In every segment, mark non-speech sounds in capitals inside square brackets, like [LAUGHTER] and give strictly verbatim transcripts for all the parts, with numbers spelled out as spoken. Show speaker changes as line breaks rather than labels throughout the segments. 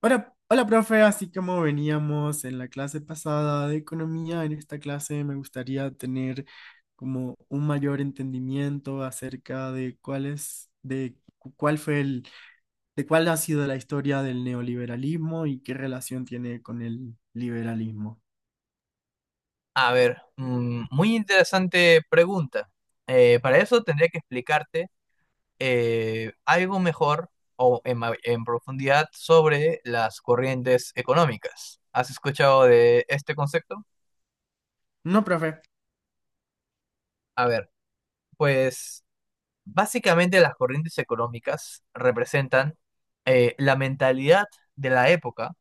Hola, hola, profe. Así como veníamos en la clase pasada de economía, en esta clase me gustaría tener como un mayor entendimiento acerca de cuál es, de cu- cuál fue el, de cuál ha sido la historia del neoliberalismo y qué relación tiene con el liberalismo.
A ver, mm, muy interesante pregunta. Eh, para eso tendría que explicarte eh, algo mejor o en, ma- en profundidad sobre las corrientes económicas. ¿Has escuchado de este concepto?
No, profe.
A ver, pues básicamente las corrientes económicas representan eh, la mentalidad de la época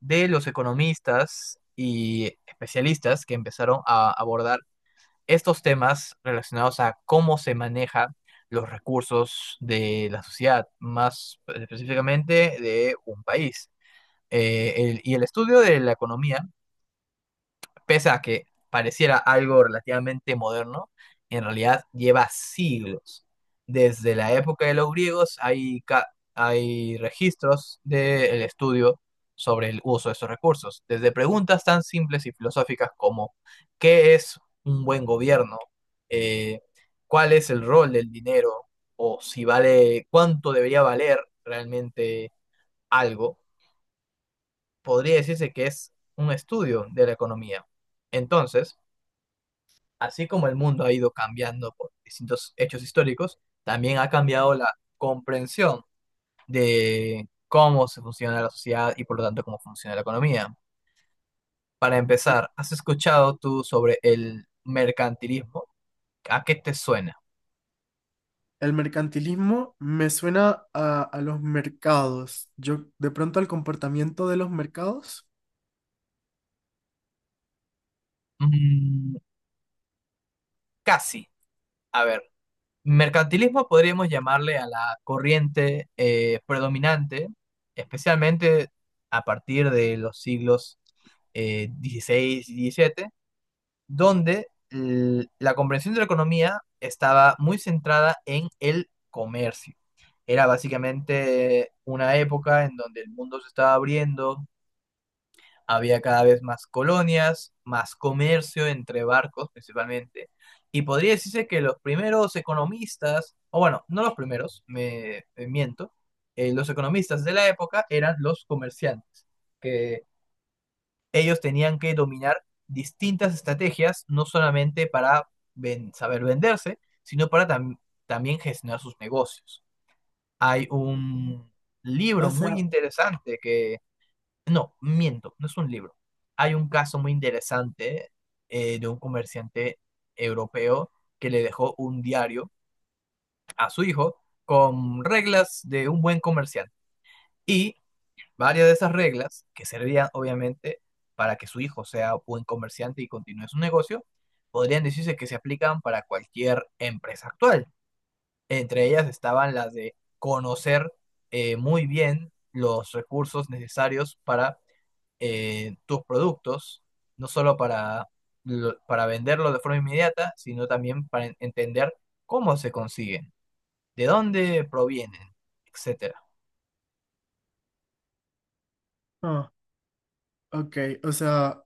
de los economistas y especialistas que empezaron a abordar estos temas relacionados a cómo se maneja los recursos de la sociedad, más específicamente de un país. Eh, el- y el estudio de la economía, pese a que pareciera algo relativamente moderno, en realidad lleva siglos. Desde la época de los griegos hay, ca- hay registros del estudio sobre el uso de estos recursos, desde preguntas tan simples y filosóficas como ¿qué es un buen gobierno? Eh, ¿Cuál es el rol del dinero? O, si vale, ¿cuánto debería valer realmente algo? Podría decirse que es un estudio de la economía. Entonces, así como el mundo ha ido cambiando por distintos hechos históricos, también ha cambiado la comprensión de cómo se funciona la sociedad y por lo tanto cómo funciona la economía. Para empezar, ¿has escuchado tú sobre el mercantilismo? ¿A qué te suena?
El mercantilismo me suena a, a los mercados. Yo, de pronto, al comportamiento de los mercados.
Mm, casi. A ver, mercantilismo podríamos llamarle a la corriente eh, predominante, especialmente a partir de los siglos eh, dieciséis y diecisiete, donde l- la comprensión de la economía estaba muy centrada en el comercio. Era básicamente una época en donde el mundo se estaba abriendo, había cada vez más colonias, más comercio entre barcos principalmente, y podría decirse que los primeros economistas, o bueno, no los primeros, me, me miento, eh, los economistas de la época eran los comerciantes, que ellos tenían que dominar distintas estrategias, no solamente para ven- saber venderse, sino para tam- también gestionar sus negocios. Hay un
O
libro muy
sea,
interesante que, no, miento, no es un libro. Hay un caso muy interesante eh, de un comerciante europeo que le dejó un diario a su hijo con reglas de un buen comerciante. Y varias de esas reglas, que servían obviamente para que su hijo sea buen comerciante y continúe su negocio, podrían decirse que se aplican para cualquier empresa actual. Entre ellas estaban las de conocer eh, muy bien los recursos necesarios para eh, tus productos, no solo para, lo- para venderlos de forma inmediata, sino también para en- entender cómo se consiguen, de dónde provienen, etcétera.
ah, ok, o sea,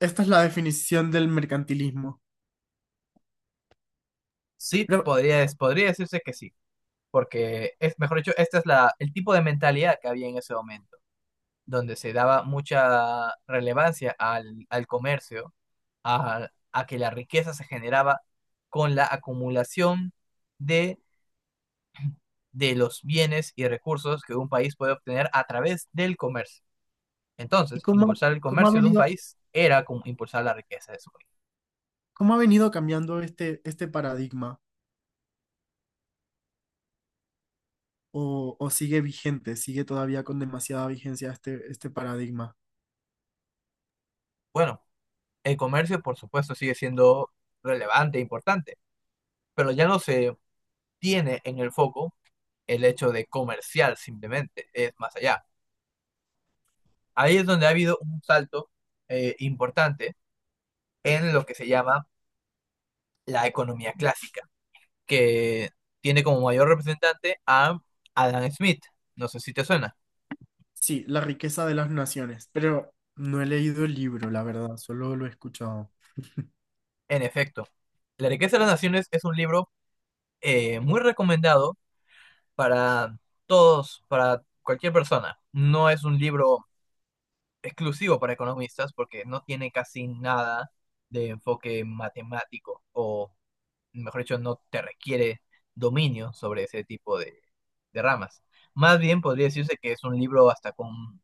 esta es la definición del mercantilismo.
Sí,
Pero,
podría, podría decirse que sí, porque es, mejor dicho, este es la, el tipo de mentalidad que había en ese momento, donde se daba mucha relevancia al, al comercio, a, a que la riqueza se generaba con la acumulación de, de los bienes y recursos que un país puede obtener a través del comercio.
¿y
Entonces,
cómo,
impulsar el
cómo ha
comercio de un
venido,
país era como impulsar la riqueza de su país.
cómo ha venido cambiando este, este paradigma? ¿O, ¿o sigue vigente, sigue todavía con demasiada vigencia este, este paradigma?
Bueno, el comercio, por supuesto, sigue siendo relevante e importante, pero ya no se tiene en el foco el hecho de comercial simplemente, es más allá. Ahí es donde ha habido un salto eh, importante en lo que se llama la economía clásica, que tiene como mayor representante a Adam Smith. No sé si te suena.
Sí, la riqueza de las naciones, pero no he leído el libro, la verdad, solo lo he escuchado.
En efecto, la riqueza de las naciones es un libro eh, muy recomendado para todos, para cualquier persona. No es un libro exclusivo para economistas, porque no tiene casi nada de enfoque matemático, o mejor dicho, no te requiere dominio sobre ese tipo de, de ramas. Más bien podría decirse que es un libro hasta con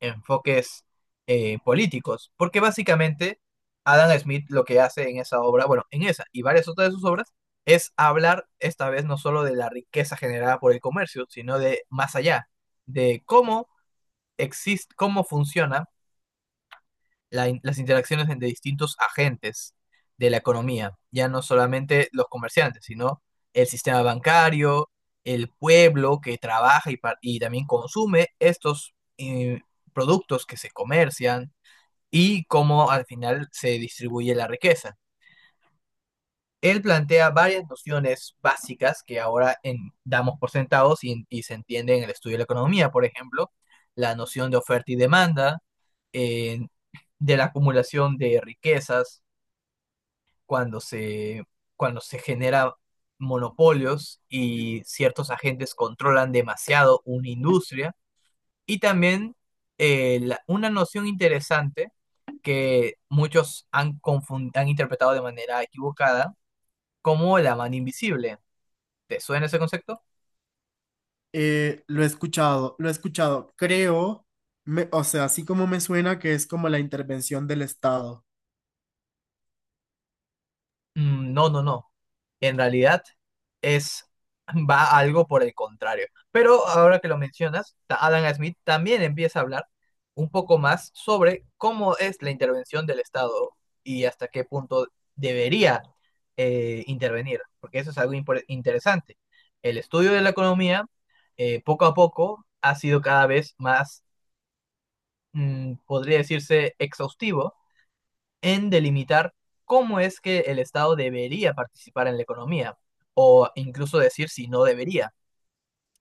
enfoques eh, políticos, porque básicamente Adam Smith lo que hace en esa obra, bueno, en esa y varias otras de sus obras, es hablar esta vez no solo de la riqueza generada por el comercio, sino de más allá, de cómo existe, cómo funciona la in- las interacciones entre distintos agentes de la economía, ya no solamente los comerciantes, sino el sistema bancario, el pueblo que trabaja y, par- y también consume estos eh, productos que se comercian, y cómo al final se distribuye la riqueza. Él plantea varias nociones básicas que ahora en- damos por sentados y, y se entiende en el estudio de la economía, por ejemplo, la noción de oferta y demanda, eh, de la acumulación de riquezas cuando se, cuando se genera monopolios y ciertos agentes controlan demasiado una industria. Y también eh, la- una noción interesante que muchos han, confun- han interpretado de manera equivocada como la mano invisible. ¿Te suena ese concepto?
Eh, lo he escuchado, lo he escuchado. Creo, me- o sea, así como me suena que es como la intervención del Estado.
Mm, no, no, no. En realidad es va algo por el contrario. Pero ahora que lo mencionas, ta- Adam Smith también empieza a hablar un poco más sobre cómo es la intervención del Estado y hasta qué punto debería eh, intervenir, porque eso es algo impor- interesante. El estudio de la economía, eh, poco a poco, ha sido cada vez más, mm, podría decirse, exhaustivo en delimitar cómo es que el Estado debería participar en la economía, o incluso decir si no debería.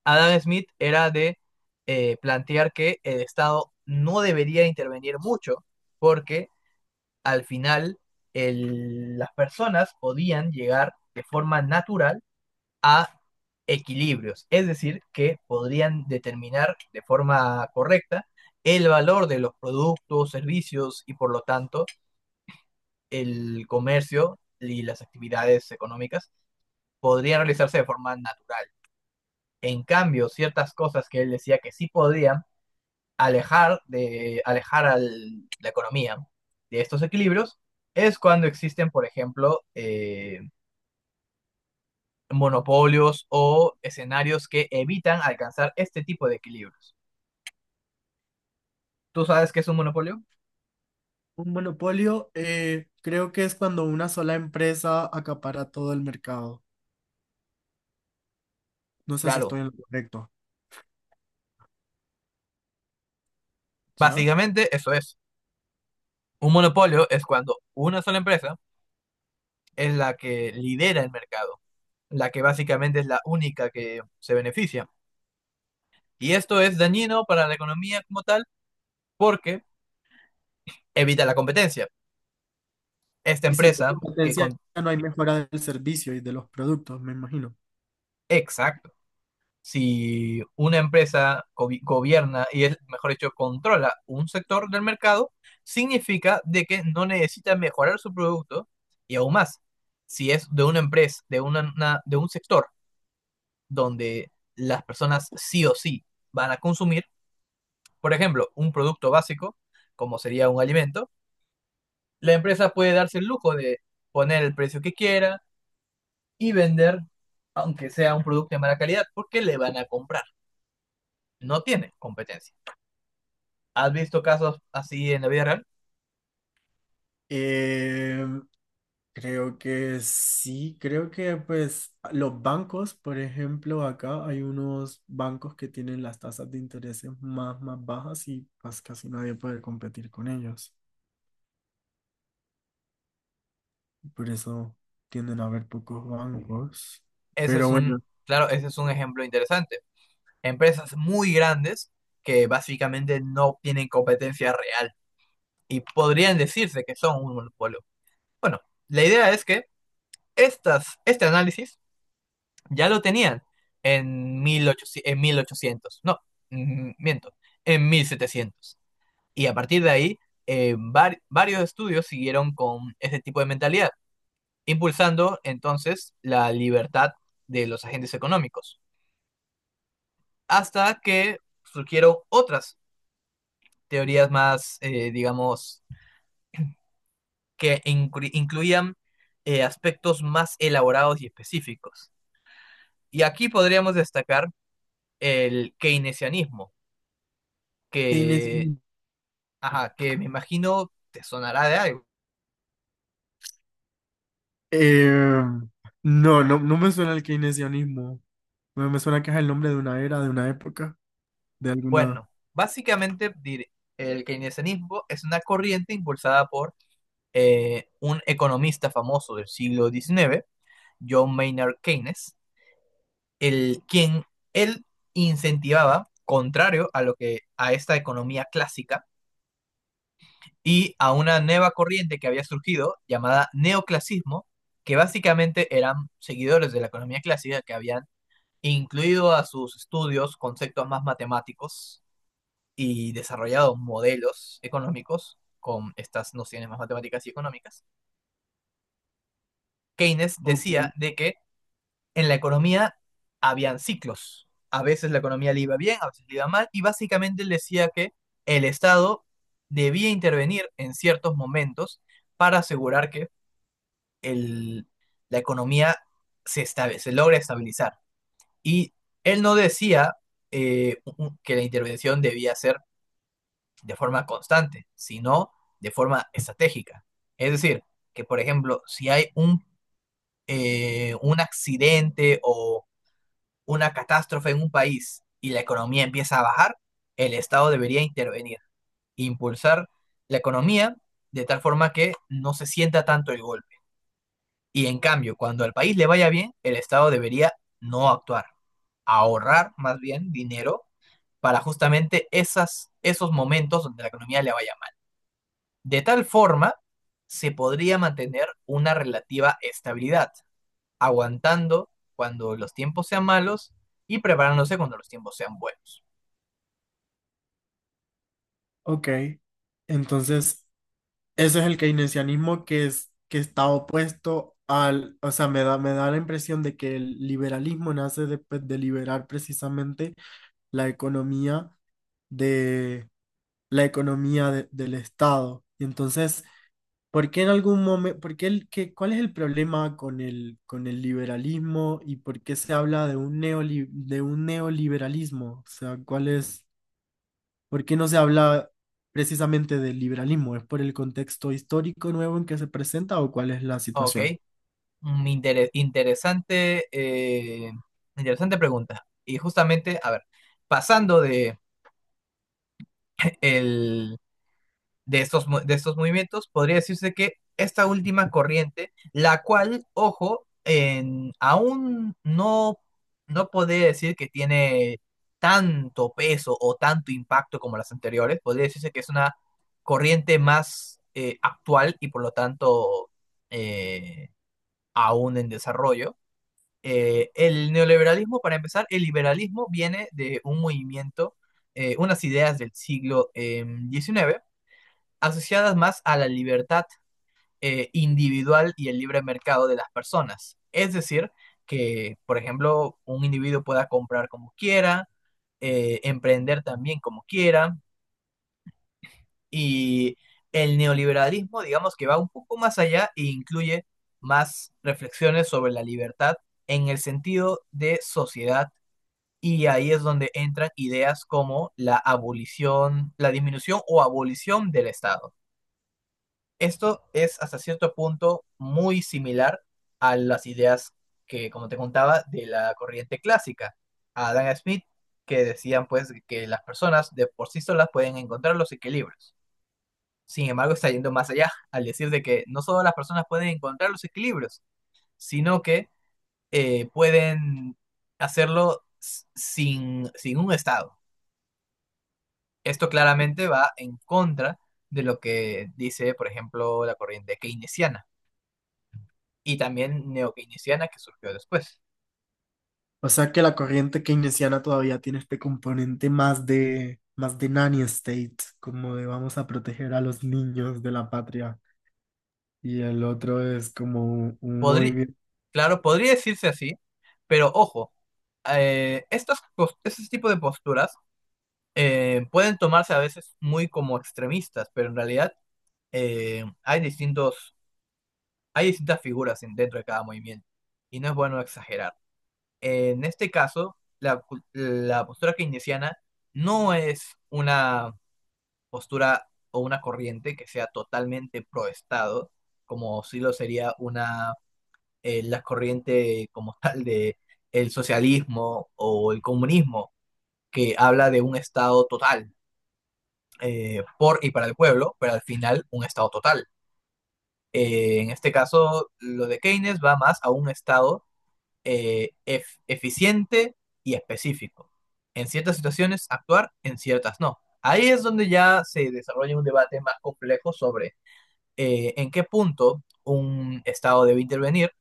Adam Smith era de eh, plantear que el Estado no debería intervenir mucho, porque al final el- las personas podían llegar de forma natural a equilibrios, es decir, que podrían determinar de forma correcta el valor de los productos, servicios, y por lo tanto el comercio y las actividades económicas podrían realizarse de forma natural. En cambio, ciertas cosas que él decía que sí podían alejar de alejar a la economía de estos equilibrios es cuando existen, por ejemplo, eh, monopolios o escenarios que evitan alcanzar este tipo de equilibrios. ¿Tú sabes qué es un monopolio?
Un monopolio, eh, creo que es cuando una sola empresa acapara todo el mercado. No sé si
Claro,
estoy en lo correcto, ¿ya?
básicamente eso es. Un monopolio es cuando una sola empresa es la que lidera el mercado, la que básicamente es la única que se beneficia. Y esto es dañino para la economía como tal porque evita la competencia. Esta
Y si no hay
empresa que
competencia,
con...
no hay mejora del servicio y de los productos, me imagino.
Exacto. Si una empresa go- gobierna y es, mejor dicho, controla un sector del mercado, significa de que no necesita mejorar su producto. Y aún más, si es de una empresa, de una- una- de un sector donde las personas sí o sí van a consumir. Por ejemplo, un producto básico, como sería un alimento, la empresa puede darse el lujo de poner el precio que quiera y vender, aunque sea un producto de mala calidad, porque le van a comprar. No tiene competencia. ¿Has visto casos así en la vida real?
Eh, creo que sí, creo que pues los bancos, por ejemplo, acá hay unos bancos que tienen las tasas de intereses más, más bajas y pues casi nadie puede competir con ellos. Por eso tienden a haber pocos bancos.
Ese
Pero
es
bueno,
un, claro, ese es un ejemplo interesante. Empresas muy grandes que básicamente no tienen competencia real y podrían decirse que son un monopolio. Bueno, la idea es que estas, este análisis ya lo tenían en mil ochocientos, en mil ochocientos, no, mm, miento, en mil setecientos. Y a partir de ahí, eh, var- varios estudios siguieron con ese tipo de mentalidad, impulsando entonces la libertad de los agentes económicos, hasta que surgieron otras teorías más, eh, digamos, que inclu- incluían eh, aspectos más elaborados y específicos. Y aquí podríamos destacar el keynesianismo que
keynesi-
Ajá, que me imagino te sonará de algo.
eh, no, no, no me suena el keynesianismo. Me, me suena que es el nombre de una era, de una época, de alguna...
Bueno, básicamente dir- el keynesianismo es una corriente impulsada por eh, un economista famoso del siglo diecinueve, John Maynard Keynes, el, quien él incentivaba, contrario a lo que a esta economía clásica y a una nueva corriente que había surgido llamada neoclasismo, que básicamente eran seguidores de la economía clásica que habían incluido a sus estudios conceptos más matemáticos y desarrollado modelos económicos con estas nociones más matemáticas y económicas, Keynes
Ok,
decía de que en la economía habían ciclos. A veces la economía le iba bien, a veces le iba mal, y básicamente él decía que el Estado debía intervenir en ciertos momentos para asegurar que el, la economía se, estabe, se logre estabilizar. Y él no decía eh, que la intervención debía ser de forma constante, sino de forma estratégica. Es decir, que por ejemplo, si hay un, eh, un accidente o una catástrofe en un país y la economía empieza a bajar, el Estado debería intervenir, impulsar la economía de tal forma que no se sienta tanto el golpe. Y en cambio, cuando al país le vaya bien, el Estado debería no actuar, ahorrar más bien dinero para justamente esas, esos momentos donde la economía le vaya. De tal forma, se podría mantener una relativa estabilidad, aguantando cuando los tiempos sean malos y preparándose cuando los tiempos sean buenos.
ok. Entonces, ese es el keynesianismo que es, que está opuesto al, o sea, me da, me da la impresión de que el liberalismo nace de, pues, de liberar precisamente la economía de la economía de- del Estado. Y entonces, ¿por qué en algún momento, por qué el, qué- cuál es el problema con el, con el liberalismo y por qué se habla de un neoli- de un neoliberalismo? O sea, ¿cuál es, por qué no se habla precisamente del liberalismo? ¿Es por el contexto histórico nuevo en que se presenta o cuál es la
Ok,
situación?
mm, intere- interesante, eh, interesante pregunta. Y justamente, a ver, pasando de el de estos, de estos movimientos, podría decirse que esta última corriente, la cual, ojo, en- aún no, no podría decir que tiene tanto peso o tanto impacto como las anteriores, podría decirse que es una corriente más eh, actual y por lo tanto eh, aún en desarrollo. Eh, el neoliberalismo, para empezar, el liberalismo viene de un movimiento, eh, unas ideas del siglo em, diecinueve, eh, diecinueve, asociadas más a la libertad eh, individual y el libre mercado de las personas. Es decir, que, por ejemplo, un individuo pueda comprar como quiera, eh, emprender también como quiera, y el neoliberalismo, digamos que va un poco más allá e incluye más reflexiones sobre la libertad en el sentido de sociedad. Y ahí es donde entran ideas como la abolición, la disminución o abolición del Estado. Esto es hasta cierto punto muy similar a las ideas que, como te contaba, de la corriente clásica, a Adam Smith, que decían pues que las personas de por sí solas pueden encontrar los equilibrios. Sin embargo, está yendo más allá al decir de que no solo las personas pueden encontrar los equilibrios, sino que eh, pueden hacerlo sin, sin un Estado. Esto claramente va en contra de lo que dice, por ejemplo, la corriente keynesiana y también neokeynesiana que surgió después.
O sea, que la corriente keynesiana todavía tiene este componente más de, más de nanny state, como de vamos a proteger a los niños de la patria. Y el otro es como un un
Podrí-
movimiento.
claro, podría decirse así, pero ojo, eh, estas, cos- este tipo de posturas eh, pueden tomarse a veces muy como extremistas, pero en realidad eh, hay distintos, hay distintas figuras en- dentro de cada movimiento, y no es bueno exagerar. En este caso, la, cu- la postura keynesiana no es una postura o una corriente que sea totalmente pro Estado, como sí lo sería una eh, la corriente como [LAUGHS] tal de el socialismo o el comunismo, que habla de un Estado total eh, por y para el pueblo, pero al final un Estado total. Eh, en este caso, lo de Keynes va más a un Estado eh, ef- eficiente y específico. En ciertas situaciones actuar, en ciertas no. Ahí es donde ya se desarrolla un debate más complejo sobre eh, en qué punto un Estado debe intervenir,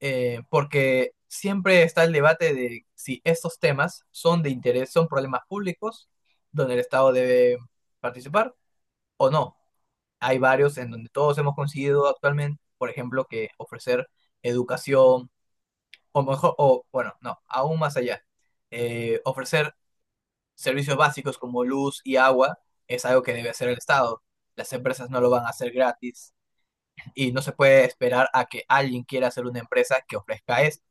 eh, porque siempre está el debate de si estos temas son de interés, son problemas públicos donde el Estado debe participar o no. Hay varios en donde todos hemos conseguido actualmente, por ejemplo, que ofrecer educación, o mejor, o bueno, no, aún más allá, eh, ofrecer servicios básicos como luz y agua es algo que debe hacer el Estado. Las empresas no lo van a hacer gratis y no se puede esperar a que alguien quiera hacer una empresa que ofrezca esto.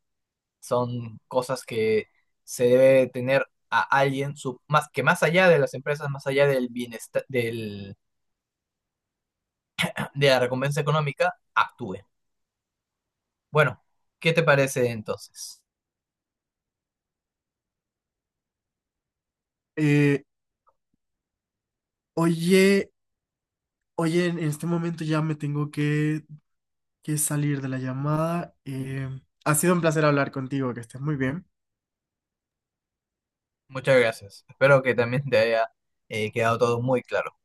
Son cosas que se debe tener a alguien su- más, que más allá de las empresas, más allá del bienestar, del, [CLEARS THROAT] de la recompensa económica, actúe. Bueno, ¿qué te parece entonces?
Eh, oye, Oye, en en este momento ya me tengo que, que salir de la llamada. Eh, ha sido un placer hablar contigo, que estés muy bien.
Muchas gracias. Espero que también te haya eh, quedado todo muy claro.